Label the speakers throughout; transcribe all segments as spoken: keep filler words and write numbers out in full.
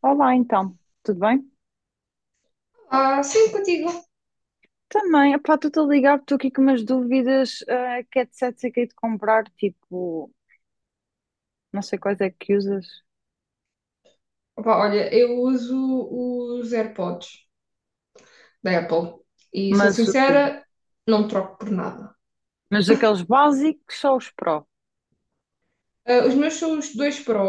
Speaker 1: Olá, então, tudo bem?
Speaker 2: Ah, sim, contigo.
Speaker 1: Também, epá, estou-te a ligar, estou aqui com umas dúvidas, ah, que headsets é que hei de comprar, tipo, não sei quais é que usas,
Speaker 2: Opa, olha, eu uso os AirPods da Apple e sou
Speaker 1: mas, o-
Speaker 2: sincera, não troco por nada.
Speaker 1: mas aqueles básicos só os Pro.
Speaker 2: Ah, os meus são os dois Pro.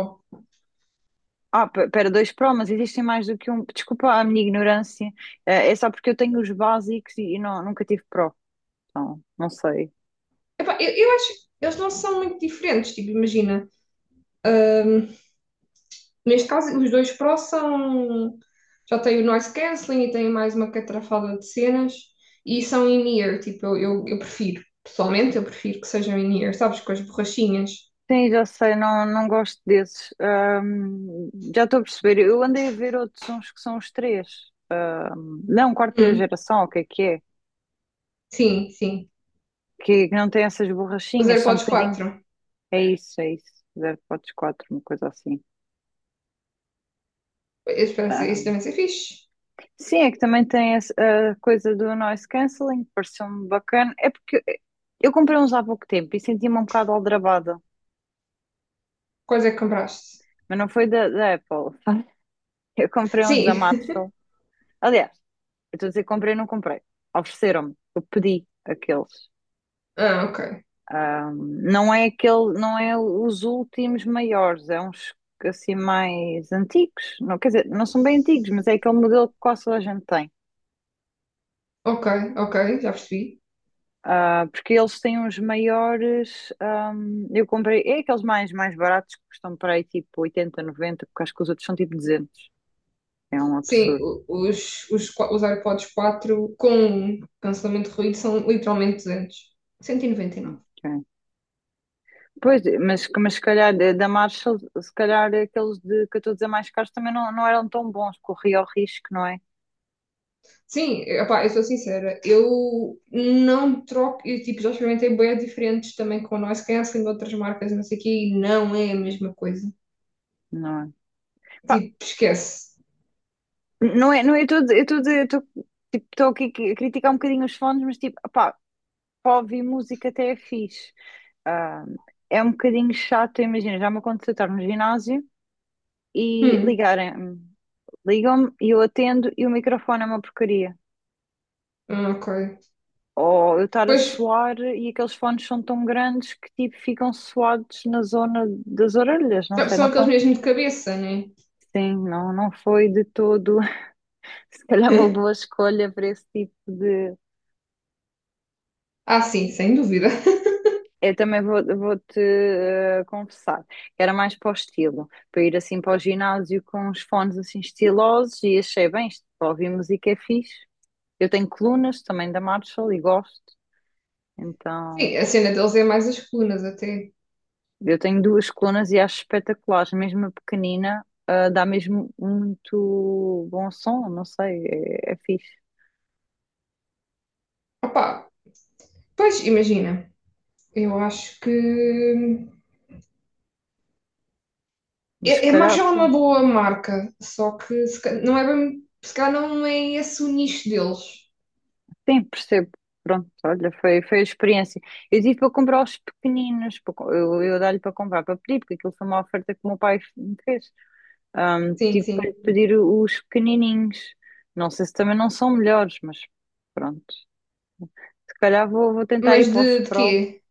Speaker 1: Ah, pe- pera, dois Pro, mas existem mais do que um. Desculpa a minha ignorância, eh, é só porque eu tenho os básicos e, e não, nunca tive Pro, então, não sei.
Speaker 2: Epá, eu, eu acho que eles não são muito diferentes, tipo, imagina. ahm, Neste caso, os dois Pro são. Já têm o noise cancelling e têm mais uma catrafada de cenas e são in-ear, tipo, eu, eu, eu prefiro. Pessoalmente, eu prefiro que sejam in-ear, sabes, com as borrachinhas.
Speaker 1: Sim, já sei, não, não gosto desses. Ahm, já estou a perceber, eu andei a ver outros uns que são os três. Não, quarta
Speaker 2: Hum,
Speaker 1: geração, o que é que é?
Speaker 2: sim, sim.
Speaker 1: Que não tem essas
Speaker 2: Os
Speaker 1: borrachinhas, são um
Speaker 2: AirPods
Speaker 1: bocadinho.
Speaker 2: quatro.
Speaker 1: É isso, é isso. Zero ponto quatro, uma coisa assim.
Speaker 2: Eu espero
Speaker 1: Ah.
Speaker 2: isso também ser fixe.
Speaker 1: Sim, é que também tem esse- a coisa do noise cancelling, pareceu-me bacana. É porque eu comprei uns há pouco tempo e senti-me um bocado aldrabada,
Speaker 2: Quais é que compraste?
Speaker 1: mas não foi da, da Apple. Eu comprei uns da
Speaker 2: Sim.
Speaker 1: Mattel. Aliás, eu estou a dizer comprei, não comprei. Ofereceram-me, eu pedi aqueles.
Speaker 2: Ah, ok.
Speaker 1: Não é aquele, não é os últimos maiores, é uns assim mais antigos. Não, quer dizer, não são bem antigos, mas é aquele modelo que quase toda a gente tem.
Speaker 2: Ok, ok, já percebi.
Speaker 1: Ah, porque eles têm uns maiores. Ahm, eu comprei, é aqueles mais, mais baratos que custam para aí tipo oitenta noventa porque acho que os outros são tipo duzentos. É um
Speaker 2: Sim,
Speaker 1: absurdo.
Speaker 2: o- os, os, qua- os AirPods quatro com cancelamento de ruído são literalmente duzentos. Cento e noventa e nove.
Speaker 1: É. Pois, mas, mas se calhar da da Marshall, se calhar aqueles de, que eu estou a dizer mais caros também não, não eram tão bons, corria o risco, não é?
Speaker 2: Sim, epá, eu sou sincera, eu não troco, eu tipo, já experimentei bué diferentes também com noise cancelling de outras marcas, e não sei o quê, e não é a mesma coisa.
Speaker 1: Não é? Pá,
Speaker 2: Tipo, esquece.
Speaker 1: não é, não é, eu estou eu tô eu tô, tipo, tô aqui a criticar um bocadinho os fones, mas tipo, pá, para ouvir música até é fixe. Ah, é um bocadinho chato, imagina, já me aconteceu estar no ginásio e
Speaker 2: Hum,
Speaker 1: ligarem-me, ligam-me e eu atendo e o microfone é uma porcaria.
Speaker 2: ah, ok.
Speaker 1: Ou eu estar a
Speaker 2: Pois,
Speaker 1: suar e aqueles fones são tão grandes que tipo ficam suados na zona das orelhas, não sei,
Speaker 2: são
Speaker 1: não foi?
Speaker 2: aqueles mesmo de cabeça, né?
Speaker 1: Sim, não, não foi de todo, se calhar uma boa escolha para esse tipo de.
Speaker 2: Ah, sim, sem dúvida.
Speaker 1: Eu também vou, vou-te eh, confessar, era mais para o estilo, para ir assim para o ginásio com os fones assim estilosos e achei bem, isto para ouvir música é fixe. Eu tenho colunas também da Marshall e gosto, então
Speaker 2: Sim, a cena deles é mais as colunas até.
Speaker 1: eu tenho duas colunas e acho espetaculares, mesmo a pequenina, eh, dá mesmo muito bom som, não sei, é, é fixe,
Speaker 2: Opá, pois imagina, eu acho que
Speaker 1: mas se
Speaker 2: é, é
Speaker 1: calhar,
Speaker 2: Marshall é uma
Speaker 1: pô.
Speaker 2: boa marca, só que se, ca- não é bem, se calhar não é esse o nicho deles.
Speaker 1: Sim, percebo. Pronto, olha, foi, foi a experiência. Eu tive para comprar os pequeninos, para co- eu, eu dar-lhe para comprar, para pedir, porque aquilo foi uma oferta que o meu pai me fez. Ahm,
Speaker 2: Sim,
Speaker 1: tive para lhe
Speaker 2: sim.
Speaker 1: pedir os pequenininhos. Não sei se também não são melhores, mas pronto. Se calhar vou, vou tentar
Speaker 2: Mas
Speaker 1: ir para os
Speaker 2: de, de
Speaker 1: Pro.
Speaker 2: quê?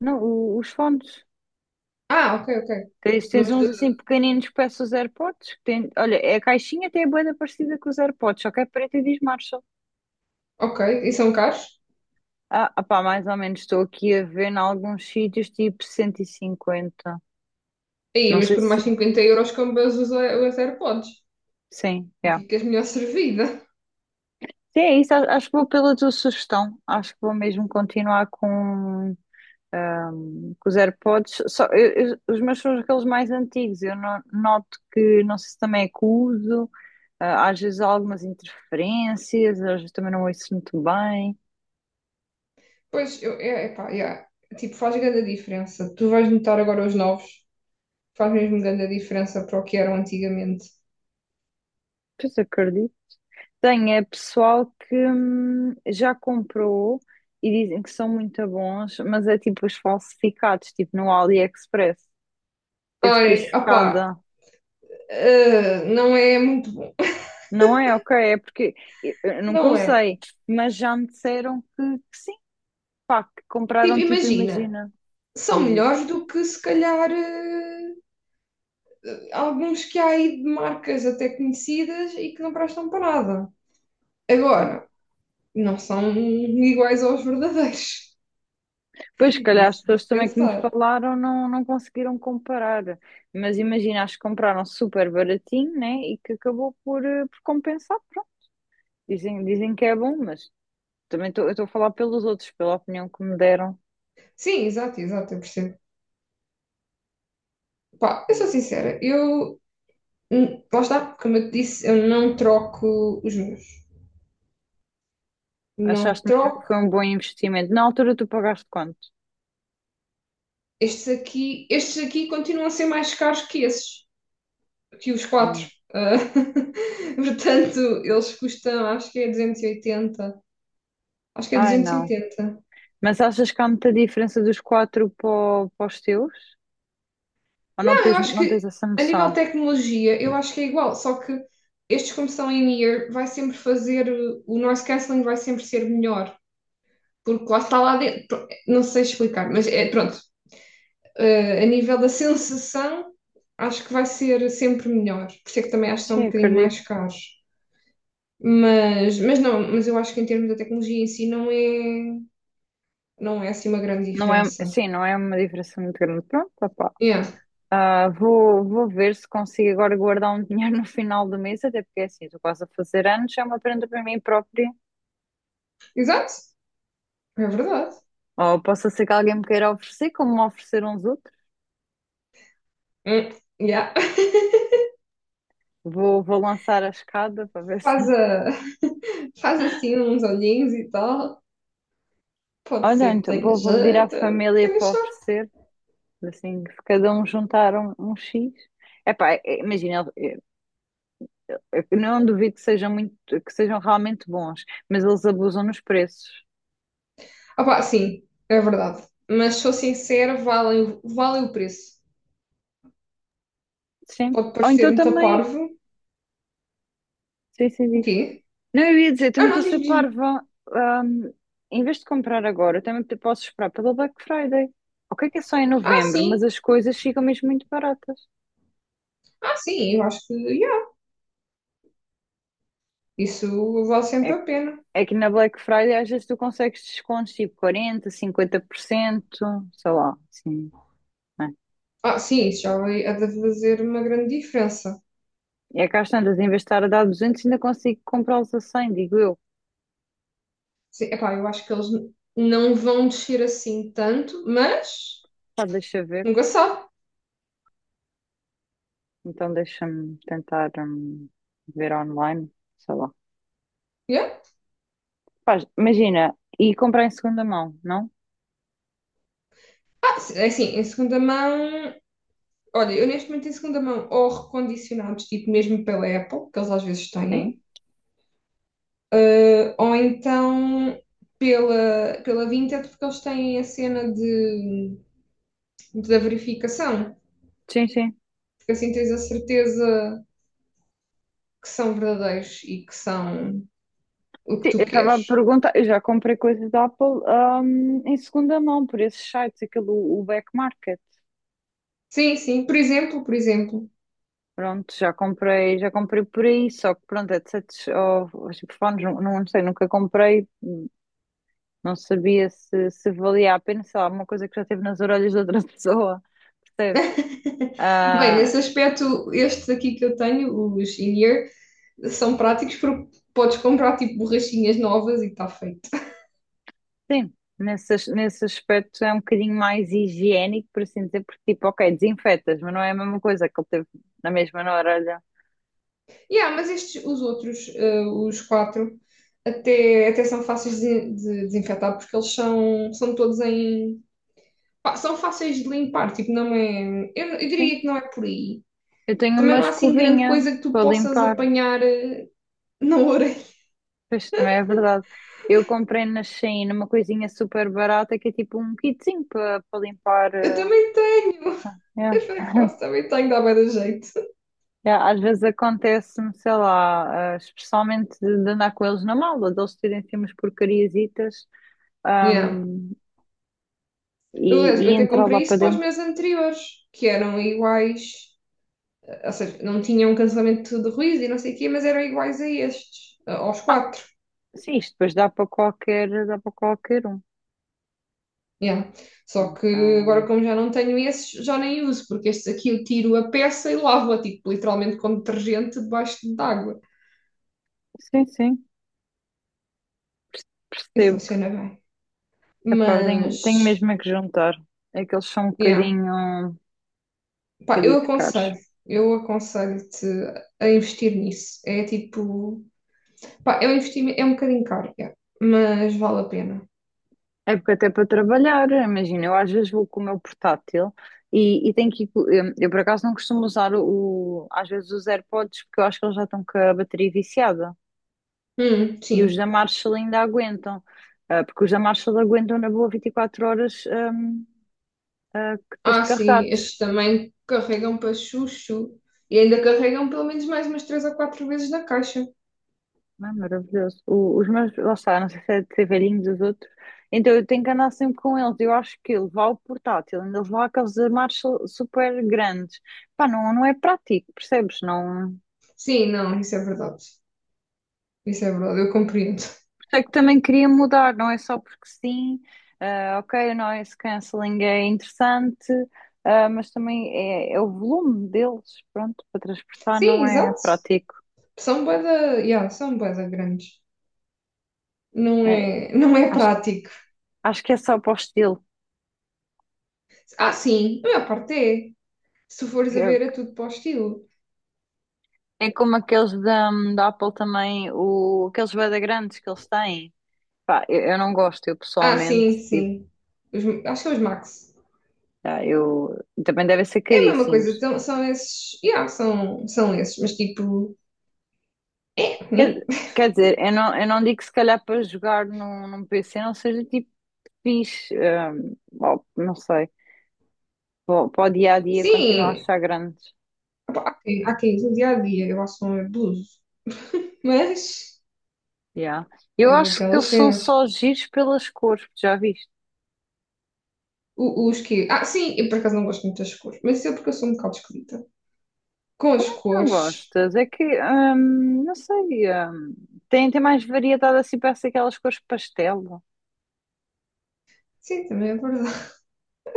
Speaker 1: Não, o- os fones.
Speaker 2: Ah, ok, ok.
Speaker 1: Tens, tens
Speaker 2: Mas
Speaker 1: uns
Speaker 2: de,
Speaker 1: assim pequeninos que parecem os AirPods. que tem- olha, a caixinha até é bué da parecida com os AirPods, só que é preta e diz marcha.
Speaker 2: ok, e são caros?
Speaker 1: Ah, opá, mais ou menos estou aqui a ver em alguns sítios tipo cento e cinquenta.
Speaker 2: Aí,
Speaker 1: Não
Speaker 2: mas
Speaker 1: sei
Speaker 2: por mais
Speaker 1: se
Speaker 2: cinquenta euros compras os, A- os AirPods
Speaker 1: sim,
Speaker 2: e
Speaker 1: é.
Speaker 2: ficas melhor servida.
Speaker 1: Sim, é isso. a- Acho que vou pela tua sugestão. Acho que vou mesmo continuar com, com os AirPods. Só, eu- eu- os meus são aqueles mais antigos. Eu no- noto que, não sei se também é que uso, ah, às vezes há algumas interferências, às vezes também não ouço muito bem.
Speaker 2: Pois, eu, é, epá, yeah. Tipo, faz grande diferença. Tu vais notar agora os novos. Faz mesmo grande a diferença para o que eram antigamente.
Speaker 1: Pois acredito. Tem, é pessoal que hum, já comprou e dizem que são muito bons, mas é tipo os falsificados, tipo no AliExpress. Eu fiquei
Speaker 2: Olha, opá,
Speaker 1: chocada.
Speaker 2: eh, não é muito bom.
Speaker 1: Não é? Ok, é porque eu, eu nunca
Speaker 2: Não é.
Speaker 1: usei, mas já me disseram que, que sim, pá, que
Speaker 2: Tipo,
Speaker 1: compraram tipo,
Speaker 2: imagina,
Speaker 1: imagina,
Speaker 2: são
Speaker 1: diz isto.
Speaker 2: melhores do que se calhar eh, alguns que há aí de marcas até conhecidas e que não prestam para nada. Agora, não são iguais aos verdadeiros.
Speaker 1: Pois, se calhar as
Speaker 2: Isso de
Speaker 1: pessoas também que me
Speaker 2: pensar.
Speaker 1: falaram não, não conseguiram comparar, mas imagina, acho que compraram super baratinho, né? E que acabou por, eh, por compensar, pronto. Dizem, dizem que é bom, mas. Também estou eu estou a falar pelos outros, pela opinião que me deram.
Speaker 2: Sim, exato, exato, eu percebo. Pá, eu sou
Speaker 1: Hum.
Speaker 2: sincera, eu, hum, lá está, como eu te disse, eu não troco os meus. Não
Speaker 1: Achaste mesmo que
Speaker 2: troco.
Speaker 1: foi um bom investimento? Na altura tu pagaste quanto?
Speaker 2: Estes aqui, estes aqui continuam a ser mais caros que esses, que os quatro.
Speaker 1: Hum.
Speaker 2: Ah, portanto, eles custam, acho que é duzentos e oitenta. Acho que é
Speaker 1: Ai, não.
Speaker 2: duzentos e oitenta.
Speaker 1: Mas achas que há muita diferença dos quatro para, o- para os teus? Ou não
Speaker 2: Não, eu
Speaker 1: tens,
Speaker 2: acho
Speaker 1: não tens
Speaker 2: que
Speaker 1: essa
Speaker 2: a nível de
Speaker 1: noção?
Speaker 2: tecnologia, eu acho que é igual, só que estes, como são in-ear, vai sempre fazer, uh, o noise cancelling vai sempre ser melhor, porque lá está lá dentro. Pr- Não sei explicar, mas é pronto. Uh, a nível da sensação, acho que vai ser sempre melhor. Por isso é que também acho que são um
Speaker 1: Sim,
Speaker 2: bocadinho mais
Speaker 1: acredito.
Speaker 2: caros. Mas, mas não, mas eu acho que em termos da tecnologia em si não é, não é assim uma grande
Speaker 1: Não é,
Speaker 2: diferença.
Speaker 1: sim, não é uma diferença muito grande. Pronto, opá.
Speaker 2: Yeah.
Speaker 1: Ah, vou, vou ver se consigo agora guardar um dinheiro no final do mês, até porque é assim, estou quase a fazer anos, é uma prenda para mim própria.
Speaker 2: Exato, é verdade.
Speaker 1: Ou possa ser que alguém me queira oferecer, como me ofereceram os outros.
Speaker 2: Hum, yeah.
Speaker 1: Vou, vou lançar a escada para ver se.
Speaker 2: Faz, a- faz assim uns olhinhos e tal. Pode
Speaker 1: Olha,
Speaker 2: ser que
Speaker 1: então
Speaker 2: tenha
Speaker 1: vou, vou pedir à
Speaker 2: jeito,
Speaker 1: família
Speaker 2: tenha
Speaker 1: para
Speaker 2: jeito.
Speaker 1: oferecer, assim, que cada um juntar um, um X. Epá, é- imagina, eu eu não duvido que sejam muito, que sejam realmente bons, mas eles abusam nos preços.
Speaker 2: Opá, sim, é verdade. Mas sou sincera, vale, vale o preço.
Speaker 1: Sim.
Speaker 2: Pode
Speaker 1: Ou
Speaker 2: parecer
Speaker 1: então
Speaker 2: muito
Speaker 1: também.
Speaker 2: parvo.
Speaker 1: Sim, sim,
Speaker 2: O
Speaker 1: diz.
Speaker 2: quê?
Speaker 1: Não, eu ia dizer,
Speaker 2: Ah,
Speaker 1: também estou
Speaker 2: não,
Speaker 1: a ser
Speaker 2: diz-me, diz-me.
Speaker 1: parva. Ahm, Em vez de comprar agora, eu também te- posso esperar pelo Black Friday. O que é que é só em
Speaker 2: Ah,
Speaker 1: novembro, mas
Speaker 2: sim,
Speaker 1: as coisas ficam mesmo muito baratas.
Speaker 2: ah, sim, eu acho que yeah, isso vale sempre
Speaker 1: É
Speaker 2: a pena.
Speaker 1: É que na Black Friday às vezes tu consegues descontos tipo quarenta, cinquenta por cento, sei lá, assim, né?
Speaker 2: Ah, sim, isso já vai é de fazer uma grande diferença.
Speaker 1: E é que às tantas, em vez de estar a dar duzentos, ainda consigo comprá-los a cem, digo eu.
Speaker 2: Sim, epá, eu acho que eles n- não vão descer assim tanto, mas
Speaker 1: Pá, deixa ver.
Speaker 2: nunca se sabe.
Speaker 1: Então deixa-me tentar hum, ver online, sei lá.
Speaker 2: Yeah.
Speaker 1: Pá, imagina, e comprar em segunda mão, não?
Speaker 2: Ah, se- é assim, em segunda mão, olha, eu neste momento em segunda mão, ou recondicionados, tipo mesmo pela Apple, que eles às vezes têm,
Speaker 1: Sim,
Speaker 2: eh, ou então pela, pela Vinted, porque eles têm a cena de, da verificação,
Speaker 1: sim, sim.
Speaker 2: porque assim tens a certeza que são verdadeiros e que são o que
Speaker 1: Sim,
Speaker 2: tu
Speaker 1: eu estava a
Speaker 2: queres.
Speaker 1: perguntar, eu já comprei coisas da Apple, hum, em segunda mão, por esses sites, aquele, o o Back Market.
Speaker 2: Sim, sim, por exemplo, por exemplo.
Speaker 1: Pronto, já comprei, já comprei por aí, só que pronto, headsets ou os telefones, não, não sei, nunca comprei, não sabia se, se valia a pena, sei lá, uma coisa que já teve nas orelhas de outra pessoa, percebes?
Speaker 2: Bem,
Speaker 1: Ah,
Speaker 2: nesse aspecto, estes aqui que eu tenho, os in-ear, são práticos porque podes comprar tipo borrachinhas novas e está feito.
Speaker 1: sim, nesse, as- nesse aspecto é um bocadinho mais higiênico, por assim dizer, porque tipo, ok, desinfetas, mas não é a mesma coisa que ele teve na mesma na orelha.
Speaker 2: Yeah, mas estes, os outros, eh, os quatro, até, até são fáceis de, de desinfetar porque eles são, são todos em. Pá, são fáceis de limpar, tipo, não é. Eu, eu
Speaker 1: Sim,
Speaker 2: diria que não é por aí.
Speaker 1: eu tenho
Speaker 2: Também
Speaker 1: uma
Speaker 2: não há assim grande
Speaker 1: escovinha
Speaker 2: coisa que tu
Speaker 1: para
Speaker 2: possas
Speaker 1: limpar.
Speaker 2: apanhar eh, na orelha.
Speaker 1: Pois também é verdade. Eu comprei na Shein uma coisinha super barata que é tipo um kitzinho para limpar.
Speaker 2: Eu
Speaker 1: eh,
Speaker 2: também tenho!
Speaker 1: yeah.
Speaker 2: Eu também tenho, dá bem da jeito.
Speaker 1: Yeah, às vezes acontece-me, sei lá, eh, especialmente de, de andar com eles na mala, de eles terem assim umas porcariasitas
Speaker 2: Yeah.
Speaker 1: ahm,
Speaker 2: Eu,
Speaker 1: e,
Speaker 2: eu
Speaker 1: e
Speaker 2: até
Speaker 1: entrar lá
Speaker 2: comprei
Speaker 1: para
Speaker 2: isso para os
Speaker 1: dentro.
Speaker 2: meus anteriores, que eram iguais, ou seja, não tinham cancelamento de ruído e não sei o quê, mas eram iguais a estes, aos quatro.
Speaker 1: Sim, isto depois dá para qualquer, dá para qualquer um.
Speaker 2: Yeah. Só que agora,
Speaker 1: Então,
Speaker 2: como já não tenho esses, já nem uso, porque estes aqui eu tiro a peça e lavo-a, tipo, literalmente com detergente debaixo de água.
Speaker 1: sim, sim,
Speaker 2: E
Speaker 1: percebo.
Speaker 2: funciona bem.
Speaker 1: Epá,
Speaker 2: Mas,
Speaker 1: tenho, tenho mesmo é que juntar. É que eles são um
Speaker 2: yeah.
Speaker 1: bocadinho, um
Speaker 2: Pá,
Speaker 1: bocadinho
Speaker 2: eu aconselho,
Speaker 1: caros.
Speaker 2: eu aconselho-te a investir nisso. É tipo, pá, é um investimento, é um bocadinho caro, yeah, mas vale a pena.
Speaker 1: É porque até para trabalhar, imagina, eu às vezes vou com o meu portátil e, e tenho que ir, co- eu, eu por acaso não costumo usar o, às vezes os AirPods porque eu acho que eles já estão com a bateria viciada
Speaker 2: Hum,
Speaker 1: e os
Speaker 2: sim.
Speaker 1: da Marshall ainda aguentam, ah, porque os da Marshall aguentam na boa vinte e quatro horas ahm, ah, que depois de
Speaker 2: Ah, sim,
Speaker 1: carregados.
Speaker 2: estes também carregam para chuchu. E ainda carregam pelo menos mais umas três ou quatro vezes na caixa.
Speaker 1: Não é maravilhoso. O- os meus, lá está, não sei se é de ser velhinho dos outros, então eu tenho que andar sempre com eles. Eu acho que levar o portátil, ainda levar aqueles da Marshall super grandes. Pá, não, não é prático, percebes? Não.
Speaker 2: Sim, não, isso é verdade. Isso é verdade, eu compreendo.
Speaker 1: Sei que também queria mudar, não é só porque sim, ah, ok, o noise cancelling é interessante, ah, mas também é, é o volume deles, pronto, para transportar
Speaker 2: Sim,
Speaker 1: não é
Speaker 2: exato.
Speaker 1: prático.
Speaker 2: São bué da, yeah, são bué da grandes. Não
Speaker 1: É,
Speaker 2: é, não é
Speaker 1: acho,
Speaker 2: prático.
Speaker 1: acho que é só para o estilo.
Speaker 2: Ah, sim, a maior parte é. Se fores a ver, é tudo para o estilo.
Speaker 1: É, é como aqueles da, da Apple também, o, aqueles bué grandes que eles têm. Pá, eu, eu não gosto, eu
Speaker 2: Ah,
Speaker 1: pessoalmente,
Speaker 2: sim,
Speaker 1: tipo,
Speaker 2: sim. Os- acho que é os Max.
Speaker 1: ah, eu, também devem ser
Speaker 2: É a mesma coisa,
Speaker 1: caríssimos.
Speaker 2: então, são esses. Yeah, são, são esses, mas tipo. Né?
Speaker 1: Quer, quer dizer, eu não, eu não digo que se calhar para jogar num, num P C não seja tipo fixe, hum, bom, não sei, para o dia a dia continuo a
Speaker 2: Sim,
Speaker 1: achar grandes.
Speaker 2: opa, há quem no dia a dia eu relação a abusos, mas
Speaker 1: Yeah. Eu
Speaker 2: é
Speaker 1: acho que eles
Speaker 2: daquelas
Speaker 1: são
Speaker 2: cenas.
Speaker 1: só giros pelas cores, que já viste?
Speaker 2: O- os que. Ah, sim, eu por acaso não gosto muito das cores, mas isso é porque eu sou um bocado esquisita. Com as
Speaker 1: Como é que não
Speaker 2: cores,
Speaker 1: gostas? É que, hum, não sei, hum, tem, tem mais variedade assim, parece aquelas cores pastel.
Speaker 2: sim, também é verdade.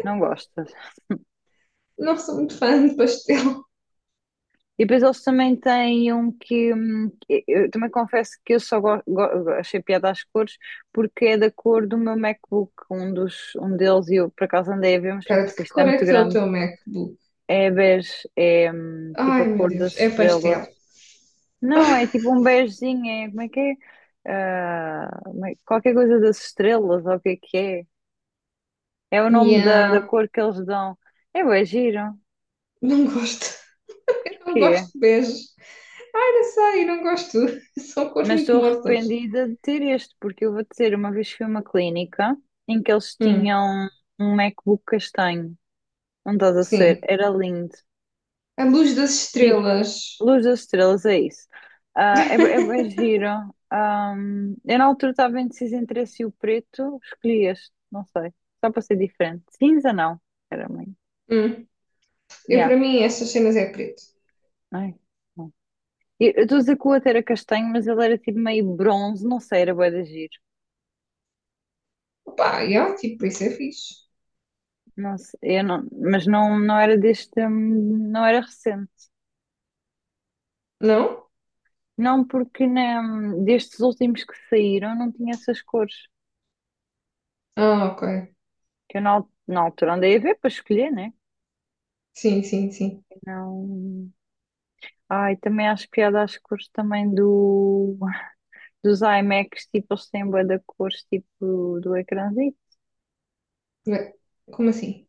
Speaker 1: Não gostas?
Speaker 2: Não sou muito fã de pastel.
Speaker 1: E depois eles também têm um que, hum, que- eu também confesso que eu só go- go- achei piada às cores porque é da cor do meu MacBook, um dos, um deles, e eu por acaso andei a ver, mas depois
Speaker 2: Cara, de
Speaker 1: pensei,
Speaker 2: que
Speaker 1: isto é
Speaker 2: cor é
Speaker 1: muito
Speaker 2: que é o
Speaker 1: grande.
Speaker 2: teu MacBook?
Speaker 1: É bege, é hum, tipo
Speaker 2: Ai
Speaker 1: a
Speaker 2: meu
Speaker 1: cor
Speaker 2: Deus,
Speaker 1: das
Speaker 2: é
Speaker 1: estrelas.
Speaker 2: pastel.
Speaker 1: Não, é tipo um begezinho, é como é que é? Ah, como é- qualquer coisa das estrelas, ou o que é que é? É o nome da, da
Speaker 2: Yeah,
Speaker 1: cor que eles dão. É bué giro,
Speaker 2: não gosto. Não
Speaker 1: porquê?
Speaker 2: gosto de bege. Ai, não sei, não gosto. São cores
Speaker 1: Mas
Speaker 2: muito
Speaker 1: estou
Speaker 2: mortas.
Speaker 1: arrependida de ter este, porque eu vou dizer, uma vez fui a uma clínica em que eles
Speaker 2: Hum,
Speaker 1: tinham um MacBook castanho. Não estás a ser,
Speaker 2: sim.
Speaker 1: era lindo.
Speaker 2: A luz das
Speaker 1: Tipo,
Speaker 2: estrelas.
Speaker 1: Luz das Estrelas, é isso. Ah, é, é, bem giro. Ahm, eu na altura estava indecisa entre esse e o preto, escolhi este, não sei, só para ser diferente. Cinza não, era meio.
Speaker 2: Hum. Eu,
Speaker 1: Yeah.
Speaker 2: para mim, essas cenas é preto.
Speaker 1: Ai, não. Eu eu estou a dizer que o outro era castanho, mas ele era tipo meio bronze, não sei, era bué de giro.
Speaker 2: Opa, yeah, tipo, isso é fixe.
Speaker 1: Não sei, eu não, mas não, não era deste, hum, não era recente.
Speaker 2: Não?
Speaker 1: Não, porque né, destes últimos que saíram não tinha essas cores.
Speaker 2: Ah, ok.
Speaker 1: Que eu na, al- na altura andei a ver para escolher, né?
Speaker 2: Sim, sim, sim.
Speaker 1: Não. Ai, também acho piada às cores também do, dos iMacs, tipo, eles têm bué da cores, tipo, do ecrãzinho.
Speaker 2: Ué, como assim?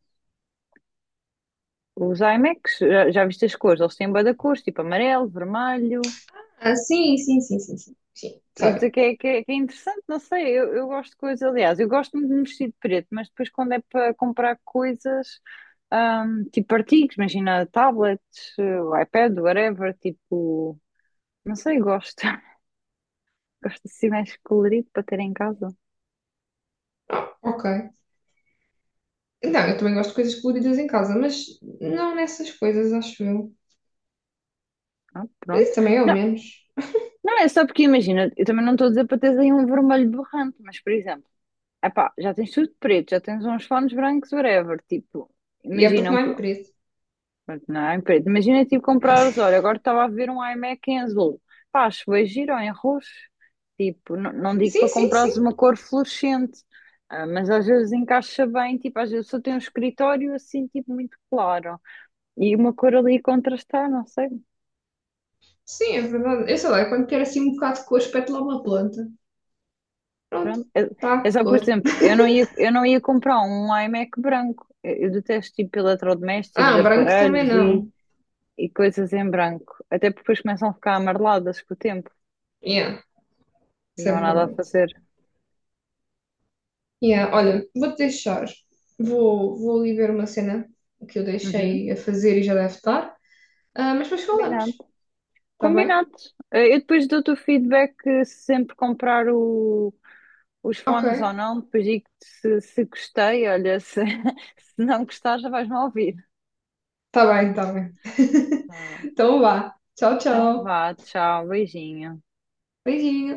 Speaker 1: Os iMacs, já, já viste as cores? Eles têm bué da cores, tipo, amarelo, vermelho.
Speaker 2: Ah, sim, sim, sim, sim, sim. Sim,
Speaker 1: Estou a
Speaker 2: sorry.
Speaker 1: dizer que é, que é, que é interessante, não sei, eu, eu gosto de coisas, aliás, eu gosto muito de me vestir de preto, mas depois quando é para comprar coisas, ahm, tipo artigos, imagina tablets, eh, iPad, whatever, tipo, não sei, gosto, gosto assim mais colorido para ter em casa.
Speaker 2: Ah, ok. Não, eu também gosto de coisas coloridas em casa, mas não nessas coisas, acho eu.
Speaker 1: Ah,
Speaker 2: Mas isso
Speaker 1: pronto.
Speaker 2: também é o
Speaker 1: Não,
Speaker 2: menos.
Speaker 1: não, é só porque imagina, eu também não estou a dizer para teres aí um vermelho borrante, mas por exemplo, epá, já tens tudo preto, já tens uns fones brancos, whatever, tipo,
Speaker 2: E é porque
Speaker 1: imagina um,
Speaker 2: não é
Speaker 1: pr-
Speaker 2: em preto.
Speaker 1: não é em preto, imagina tipo comprares, olha, agora estava a ver um iMac em azul, pá, acho bem giro ou em roxo, tipo, não, não digo
Speaker 2: Sim,
Speaker 1: para
Speaker 2: sim,
Speaker 1: comprares
Speaker 2: sim.
Speaker 1: uma cor fluorescente, ah, mas às vezes encaixa bem, tipo, às vezes só tem um escritório assim, tipo, muito claro, e uma cor ali contrastar, não sei.
Speaker 2: Sim, é verdade. Eu sei lá, eu quando quero assim um bocado de cor, espeto lá uma planta. Pronto.
Speaker 1: Pronto. É é
Speaker 2: Tá,
Speaker 1: só por
Speaker 2: cor.
Speaker 1: exemplo, eu não ia, eu não ia comprar um iMac branco. Eu eu detesto tipo eletrodomésticos,
Speaker 2: Ah, um branco também
Speaker 1: aparelhos e,
Speaker 2: não.
Speaker 1: e coisas em branco. Até porque depois começam a ficar amareladas com o tempo
Speaker 2: Yeah,
Speaker 1: e
Speaker 2: isso
Speaker 1: não
Speaker 2: é
Speaker 1: há nada a
Speaker 2: verdade.
Speaker 1: fazer.
Speaker 2: Yeah, olha, vou-te deixar. Vou, vou ali ver uma cena que eu
Speaker 1: Uhum.
Speaker 2: deixei a fazer e já deve estar. Ah, mas depois falamos,
Speaker 1: Combinado.
Speaker 2: tá bem?
Speaker 1: Combinado. Eh, Eu depois dou-te o feedback eh, se sempre comprar o, os
Speaker 2: Ok,
Speaker 1: fones ou não. Depois digo-te se, se gostei. Olha, se, se não gostar, já vais-me ouvir.
Speaker 2: tá bem, tá bem.
Speaker 1: Tá bem.
Speaker 2: Então vá. Tchau,
Speaker 1: Então
Speaker 2: tchau.
Speaker 1: vá, tchau, beijinho.
Speaker 2: Beijinho.